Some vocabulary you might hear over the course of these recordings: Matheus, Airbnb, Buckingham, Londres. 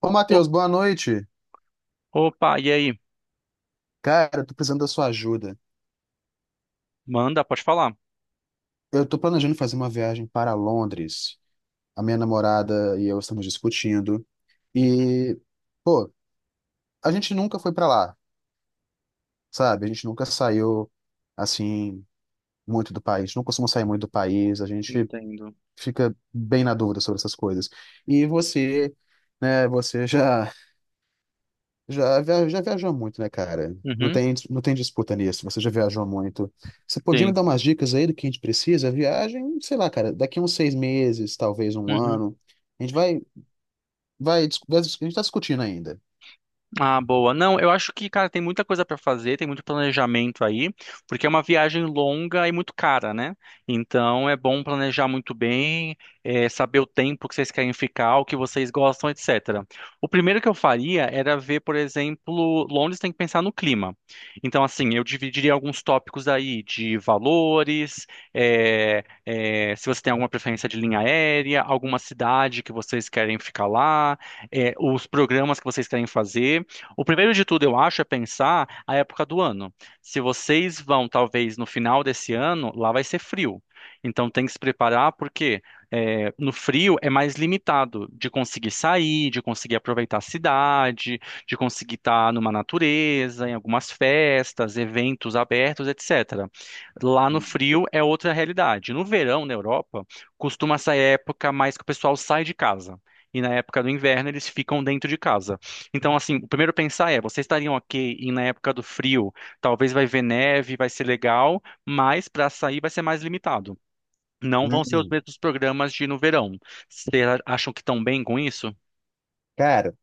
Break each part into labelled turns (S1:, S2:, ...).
S1: Ô,
S2: O-
S1: Matheus, boa noite.
S2: Opa, e aí?
S1: Cara, eu tô precisando da sua ajuda.
S2: Manda, pode falar.
S1: Eu tô planejando fazer uma viagem para Londres. A minha namorada e eu estamos discutindo. E, pô, a gente nunca foi para lá, sabe? A gente nunca saiu, assim, muito do país. Não costuma sair muito do país. A gente
S2: Entendo.
S1: fica bem na dúvida sobre essas coisas. E você, né, você já viajou muito, né, cara? Não
S2: Uhum,
S1: tem, não tem disputa nisso. Você já viajou muito. Você podia me
S2: sim.
S1: dar umas dicas aí do que a gente precisa? Viagem, sei lá, cara, daqui uns 6 meses, talvez um
S2: Uhum.
S1: ano. A gente vai, a gente tá discutindo ainda.
S2: Ah, boa. Não, eu acho que, cara, tem muita coisa para fazer, tem muito planejamento aí, porque é uma viagem longa e muito cara, né? Então é bom planejar muito bem, saber o tempo que vocês querem ficar, o que vocês gostam, etc. O primeiro que eu faria era ver, por exemplo, Londres tem que pensar no clima. Então, assim, eu dividiria alguns tópicos aí de valores, se você tem alguma preferência de linha aérea, alguma cidade que vocês querem ficar lá, os programas que vocês querem fazer. O primeiro de tudo, eu acho, é pensar a época do ano. Se vocês vão, talvez, no final desse ano, lá vai ser frio. Então tem que se preparar porque no frio é mais limitado de conseguir sair, de conseguir aproveitar a cidade, de conseguir estar numa natureza, em algumas festas, eventos abertos, etc. Lá no
S1: Hum.
S2: frio é outra realidade. No verão, na Europa, costuma essa época mais que o pessoal sai de casa. E na época do inverno eles ficam dentro de casa. Então, assim, o primeiro pensar é, vocês estariam ok e na época do frio, talvez vai ver neve, vai ser legal, mas para sair vai ser mais limitado. Não vão ser os mesmos programas de no verão. Vocês acham que estão bem com isso?
S1: Cara,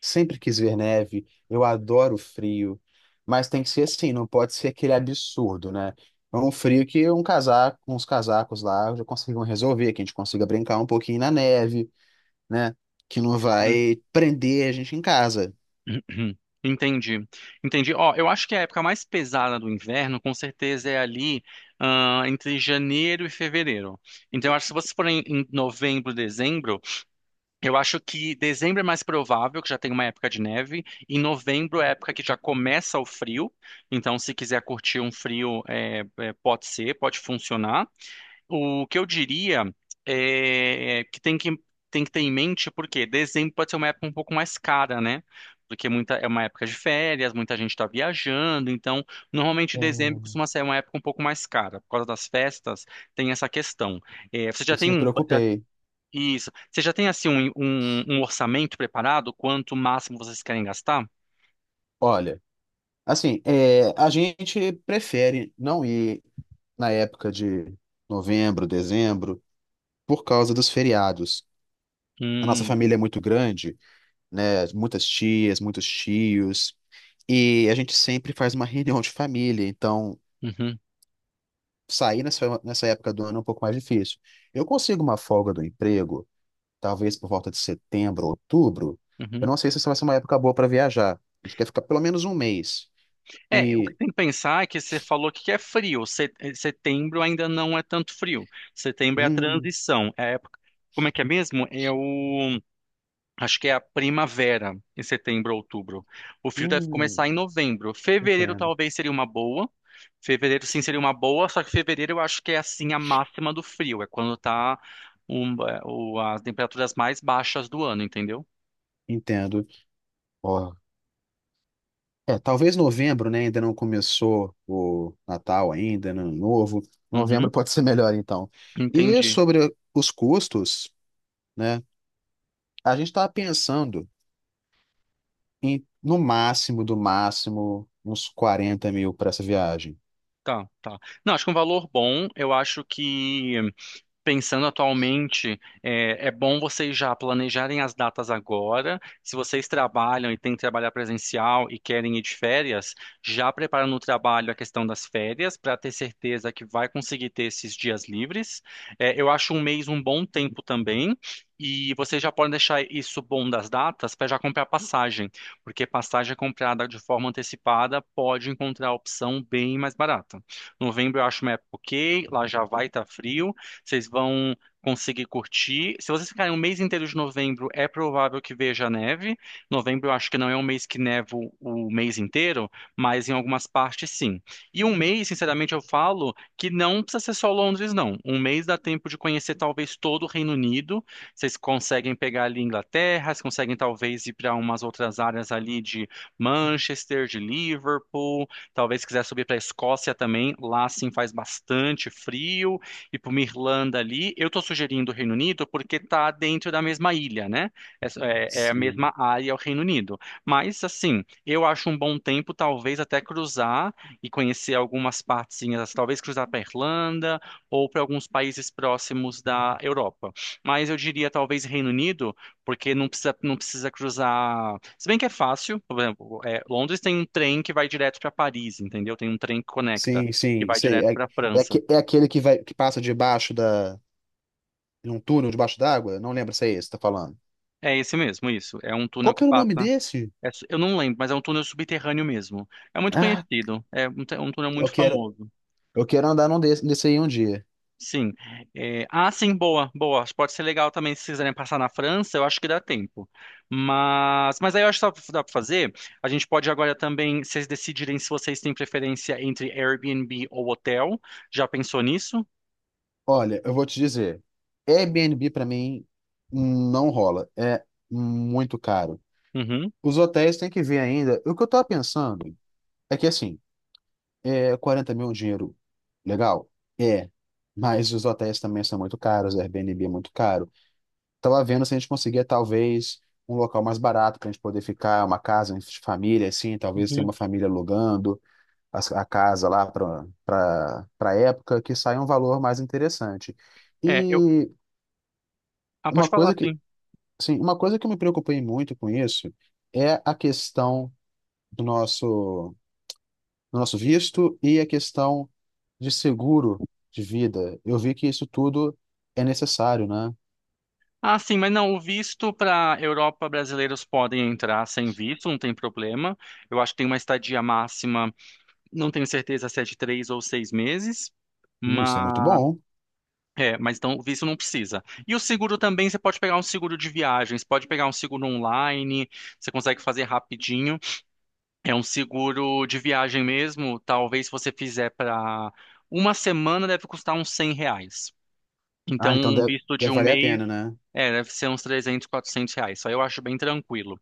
S1: sempre quis ver neve. Eu adoro frio. Mas tem que ser assim, não pode ser aquele absurdo, né? É um frio que um casaco, uns casacos lá já conseguem resolver, que a gente consiga brincar um pouquinho na neve, né? Que não
S2: Uhum.
S1: vai prender a gente em casa.
S2: Entendi. Entendi. Ó, eu acho que a época mais pesada do inverno, com certeza, é ali, ah, entre janeiro e fevereiro. Então, eu acho que se vocês forem em novembro, dezembro, eu acho que dezembro é mais provável, que já tem uma época de neve. Em novembro é a época que já começa o frio. Então, se quiser curtir um frio, pode ser, pode funcionar. O que eu diria é que tem que ter em mente, porque dezembro pode ser uma época um pouco mais cara, né? Porque é uma época de férias, muita gente está viajando. Então, normalmente
S1: É.
S2: dezembro costuma ser uma época um pouco mais cara. Por causa das festas, tem essa questão. É, você já
S1: Isso
S2: tem
S1: me
S2: um,
S1: preocupei.
S2: isso. Você já tem assim um orçamento preparado? Quanto máximo vocês querem gastar?
S1: Olha, assim, a gente prefere não ir na época de novembro, dezembro, por causa dos feriados. A nossa
S2: Hum,
S1: família é muito grande, né? Muitas tias, muitos tios, e a gente sempre faz uma reunião de família, então
S2: uhum,
S1: sair nessa, nessa época do ano é um pouco mais difícil. Eu consigo uma folga do emprego talvez por volta de setembro, outubro. Eu
S2: uhum.
S1: não sei se isso vai ser uma época boa para viajar. A gente quer ficar pelo menos um mês.
S2: É, o que
S1: E.
S2: tem que pensar é que você falou que é frio. Setembro ainda não é tanto frio. Setembro é a
S1: Hum,
S2: transição. É a época. Como é que é mesmo? É o Acho que é a primavera, em setembro, outubro. O frio deve
S1: hum,
S2: começar em novembro. Fevereiro
S1: entendo.
S2: talvez seria uma boa. Fevereiro sim seria uma boa, só que fevereiro eu acho que é assim a máxima do frio. É quando tá as temperaturas mais baixas do ano, entendeu?
S1: Entendo. Ó, talvez novembro, né? Ainda não começou o Natal ainda, Ano Novo. Novembro
S2: Uhum,
S1: pode ser melhor, então. E
S2: entendi.
S1: sobre os custos, né? A gente estava pensando em, no máximo, do máximo, uns 40 mil para essa viagem.
S2: Tá, tá. Não, acho que um valor bom, eu acho que. Pensando atualmente, é, é bom vocês já planejarem as datas agora. Se vocês trabalham e têm que trabalhar presencial e querem ir de férias, já preparando o trabalho a questão das férias para ter certeza que vai conseguir ter esses dias livres. É, eu acho um mês um bom tempo também. E vocês já podem deixar isso bom das datas para já comprar passagem, porque passagem comprada de forma antecipada pode encontrar a opção bem mais barata. Novembro eu acho uma época ok, lá já vai estar frio. Vocês vão conseguir curtir. Se vocês ficarem um mês inteiro de novembro, é provável que veja neve. Novembro eu acho que não é um mês que neva o mês inteiro, mas em algumas partes sim. E um mês, sinceramente, eu falo que não precisa ser só Londres, não. Um mês dá tempo de conhecer talvez todo o Reino Unido. Vocês conseguem pegar ali Inglaterra, vocês conseguem talvez ir para umas outras áreas ali de Manchester, de Liverpool. Talvez quiser subir para a Escócia também. Lá sim faz bastante frio e para uma Irlanda ali. Eu estou sugerindo o Reino Unido porque está dentro da mesma ilha, né? É, é a mesma área, o Reino Unido. Mas, assim, eu acho um bom tempo, talvez, até cruzar e conhecer algumas partezinhas, talvez cruzar para Irlanda ou para alguns países próximos da Europa. Mas eu diria, talvez, Reino Unido, porque não precisa cruzar. Se bem que é fácil, por exemplo, é, Londres tem um trem que vai direto para Paris, entendeu? Tem um trem que conecta,
S1: Sim,
S2: que
S1: sim,
S2: vai
S1: sei.
S2: direto para França.
S1: É aquele que vai, que passa debaixo da, num túnel debaixo d'água? Não lembro se é esse que tá falando.
S2: É esse mesmo, isso. É um túnel
S1: Qual
S2: que
S1: que era o nome
S2: passa.
S1: desse?
S2: Eu não lembro, mas é um túnel subterrâneo mesmo. É muito
S1: Ah,
S2: conhecido. É um, um túnel
S1: eu
S2: muito
S1: quero
S2: famoso.
S1: eu quero andar num desse aí um dia.
S2: Sim. É, ah, sim, boa, boa. Acho que pode ser legal também se quiserem passar na França, eu acho que dá tempo. Mas aí eu acho que dá pra fazer. A gente pode agora também, vocês decidirem se vocês têm preferência entre Airbnb ou hotel. Já pensou nisso?
S1: Olha, eu vou te dizer, Airbnb pra mim não rola, é muito caro.
S2: Uhum.
S1: Os hotéis tem que ver ainda. O que eu tava pensando é que assim, é 40 mil é um dinheiro legal? É, mas os hotéis também são muito caros, Airbnb é muito caro. Tava vendo se a gente conseguia, talvez, um local mais barato pra gente poder ficar, uma casa de família, assim, talvez tenha
S2: Uhum.
S1: uma família alugando as- a, casa lá pra para época, que saia um valor mais interessante.
S2: É, eu.
S1: E
S2: Ah, pode
S1: uma
S2: falar.
S1: coisa que, sim, uma coisa que eu me preocupei muito com isso é a questão do nosso, do nosso visto e a questão de seguro de vida. Eu vi que isso tudo é necessário, né?
S2: Ah, sim, mas não, o visto para Europa brasileiros podem entrar sem visto, não tem problema. Eu acho que tem uma estadia máxima, não tenho certeza se é de 3 ou 6 meses,
S1: Não sei, muito
S2: mas
S1: bom.
S2: é, mas então o visto não precisa. E o seguro também, você pode pegar um seguro de viagens, pode pegar um seguro online, você consegue fazer rapidinho. É um seguro de viagem mesmo, talvez se você fizer para uma semana deve custar uns R$ 100. Então,
S1: Ah, então
S2: um
S1: deve,
S2: visto de
S1: deve
S2: um
S1: valer a
S2: mês
S1: pena, né?
S2: é, deve ser uns R$ 300, R$ 400. Só eu acho bem tranquilo.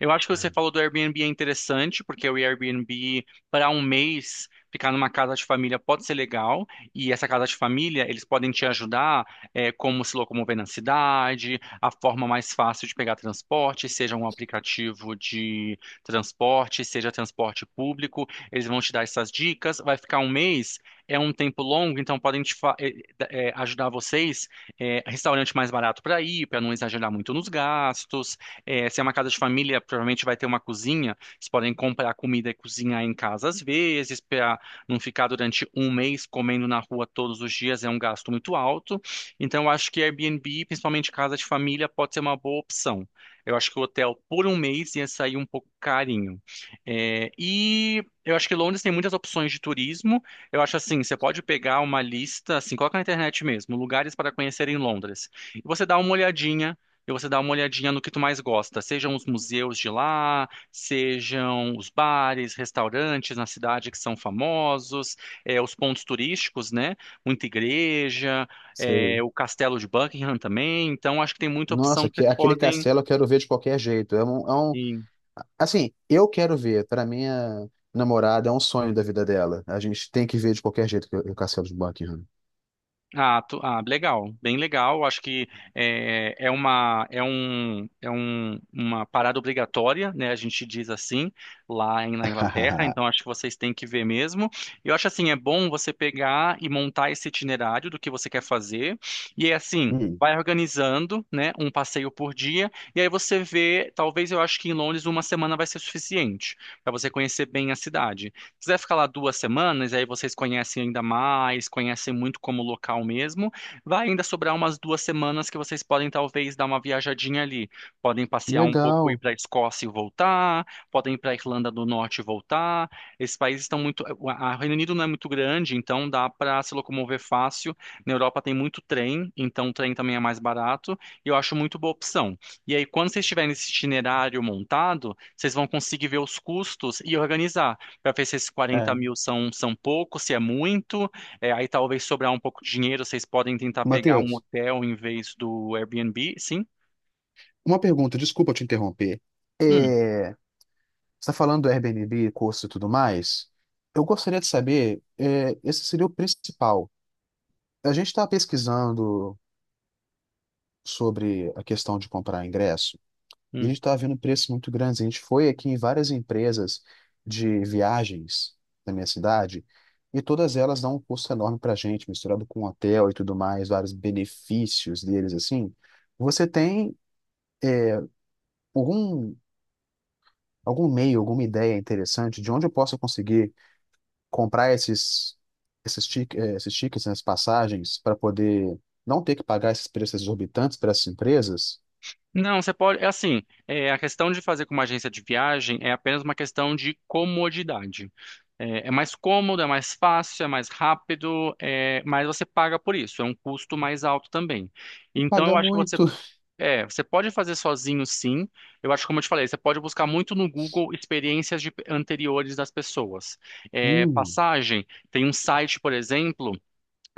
S2: Eu acho que você falou do Airbnb é interessante, porque o Airbnb, para um mês, ficar numa casa de família pode ser legal. E essa casa de família, eles podem te ajudar, é, como se locomover na cidade, a forma mais fácil de pegar transporte, seja um aplicativo de transporte, seja transporte público. Eles vão te dar essas dicas. Vai ficar um mês, é um tempo longo, então podem te ajudar vocês restaurante mais barato para ir, para não exagerar muito nos gastos. É, se é uma casa de família, provavelmente vai ter uma cozinha. Vocês podem comprar comida e cozinhar em casa às vezes, para não ficar durante um mês comendo na rua todos os dias, é um gasto muito alto. Então, eu acho que Airbnb, principalmente casa de família, pode ser uma boa opção. Eu acho que o hotel por um mês ia sair um pouco carinho. É, e eu acho que Londres tem muitas opções de turismo. Eu acho assim, você pode pegar uma lista, assim, coloca na internet mesmo, lugares para conhecer em Londres. E você dá uma olhadinha, e você dá uma olhadinha no que tu mais gosta, sejam os museus de lá, sejam os bares, restaurantes na cidade que são famosos, os pontos turísticos, né? Muita igreja,
S1: Sei.
S2: o Castelo de Buckingham também. Então, acho que tem muita opção
S1: Nossa,
S2: que vocês
S1: que, aquele
S2: podem.
S1: castelo eu quero ver de qualquer jeito. Assim, eu quero ver. Para minha namorada, é um sonho da vida dela. A gente tem que ver de qualquer jeito o castelo de Buckingham.
S2: Ah, legal, bem legal. Acho que é, é uma é um, uma parada obrigatória, né? A gente diz assim lá na Inglaterra. Então acho que vocês têm que ver mesmo. Eu acho assim é bom você pegar e montar esse itinerário do que você quer fazer e é assim.
S1: Hum,
S2: Vai organizando, né, um passeio por dia, e aí você vê, talvez eu acho que em Londres uma semana vai ser suficiente para você conhecer bem a cidade quiser ficar lá 2 semanas, aí vocês conhecem ainda mais, conhecem muito como local mesmo, vai ainda sobrar umas 2 semanas que vocês podem talvez dar uma viajadinha ali. Podem passear um pouco, ir
S1: legal.
S2: para a Escócia e voltar, podem ir para a Irlanda do Norte e voltar. Esses países estão muito. A Reino Unido não é muito grande, então dá para se locomover fácil. Na Europa tem muito trem, então o trem também é mais barato, e eu acho muito boa opção. E aí, quando vocês tiverem esse itinerário montado, vocês vão conseguir ver os custos e organizar para ver se esses quarenta
S1: É.
S2: mil são pouco, se é muito. É, aí talvez sobrar um pouco de dinheiro, vocês podem tentar pegar um
S1: Matheus,
S2: hotel em vez do Airbnb, sim?
S1: uma pergunta, desculpa te interromper.
S2: Hum,
S1: É, você está falando do Airbnb, curso e tudo mais? Eu gostaria de saber, é, esse seria o principal. A gente está pesquisando sobre a questão de comprar ingresso. E a
S2: hum.
S1: gente estava vendo preços muito grandes. A gente foi aqui em várias empresas de viagens da minha cidade e todas elas dão um custo enorme para a gente, misturado com hotel e tudo mais, vários benefícios deles assim. Você tem algum, algum meio, alguma ideia interessante de onde eu posso conseguir comprar esses, esses, tic- eh, esses tickets, essas passagens, para poder não ter que pagar esses preços exorbitantes para essas empresas?
S2: Não, você pode. É assim, é, a questão de fazer com uma agência de viagem é apenas uma questão de comodidade. É, é mais cômodo, é mais fácil, é mais rápido, é, mas você paga por isso, é um custo mais alto também.
S1: E
S2: Então, eu
S1: pagar
S2: acho que você
S1: muito.
S2: é, você pode fazer sozinho, sim. Eu acho, como eu te falei, você pode buscar muito no Google experiências anteriores das pessoas. É,
S1: Hum,
S2: passagem, tem um site, por exemplo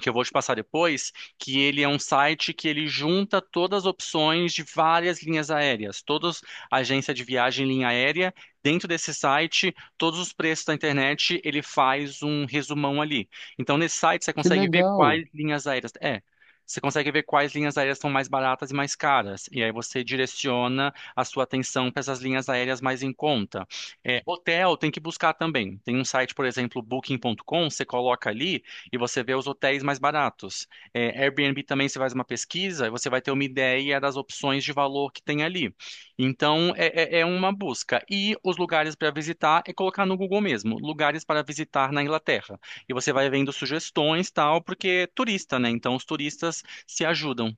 S2: que eu vou te passar depois, que ele é um site que ele junta todas as opções de várias linhas aéreas, todas agência de viagem em linha aérea, dentro desse site, todos os preços da internet, ele faz um resumão ali. Então nesse site você
S1: que
S2: consegue ver
S1: legal.
S2: quais linhas aéreas. Você consegue ver quais linhas aéreas são mais baratas e mais caras. E aí você direciona a sua atenção para essas linhas aéreas mais em conta. É, hotel tem que buscar também. Tem um site, por exemplo, booking.com, você coloca ali, e você vê os hotéis mais baratos. É, Airbnb também você faz uma pesquisa e você vai ter uma ideia das opções de valor que tem ali. Então é uma busca. E os lugares para visitar é colocar no Google mesmo, lugares para visitar na Inglaterra. E você vai vendo sugestões tal, porque é turista, né? Então os turistas se ajudam.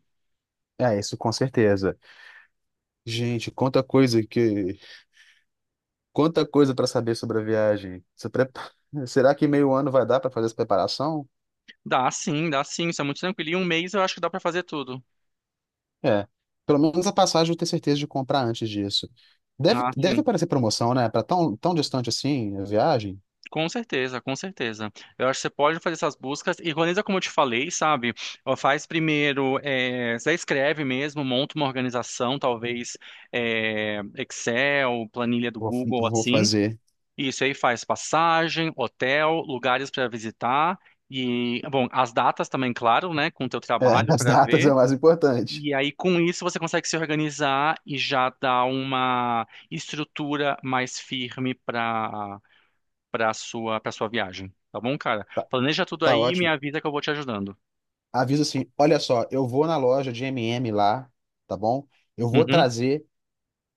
S1: É, isso com certeza. Gente, quanta coisa para saber sobre a viagem. Se prepa- Será que meio ano vai dar para fazer essa preparação?
S2: Dá sim, isso é muito tranquilo. E um mês eu acho que dá para fazer tudo.
S1: É, pelo menos a passagem eu tenho certeza de comprar antes disso. Deve,
S2: Ah,
S1: deve
S2: sim.
S1: aparecer promoção, né? Para tão, tão distante assim a viagem,
S2: Com certeza, com certeza. Eu acho que você pode fazer essas buscas e organiza como eu te falei, sabe? Ó, faz primeiro, você escreve mesmo, monta uma organização, talvez Excel, planilha do
S1: vou,
S2: Google,
S1: vou
S2: assim.
S1: fazer.
S2: Isso aí faz passagem, hotel, lugares para visitar e, bom, as datas também, claro, né? Com o teu
S1: É,
S2: trabalho
S1: as
S2: para
S1: datas
S2: ver.
S1: é o mais importante.
S2: E aí, com isso, você consegue se organizar e já dar uma estrutura mais firme para sua viagem, tá bom, cara?
S1: Tá,
S2: Planeja tudo
S1: tá
S2: aí e me
S1: ótimo.
S2: avisa que eu vou te ajudando.
S1: Avisa assim, olha só, eu vou na loja de M&M lá, tá bom? Eu vou
S2: Uhum.
S1: trazer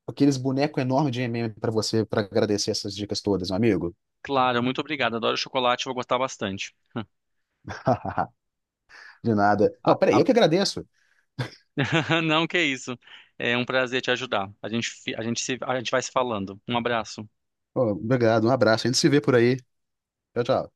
S1: aqueles bonecos enormes de M&M para você para agradecer essas dicas todas, meu amigo.
S2: Claro, muito obrigado. Adoro chocolate, vou gostar bastante.
S1: De nada.
S2: A-
S1: Não, peraí,
S2: a-
S1: eu que agradeço.
S2: Não, que isso. É um prazer te ajudar. A gente, fi- a gente se, a gente vai se falando. Um abraço.
S1: Ó, obrigado, um abraço. A gente se vê por aí. Tchau, tchau.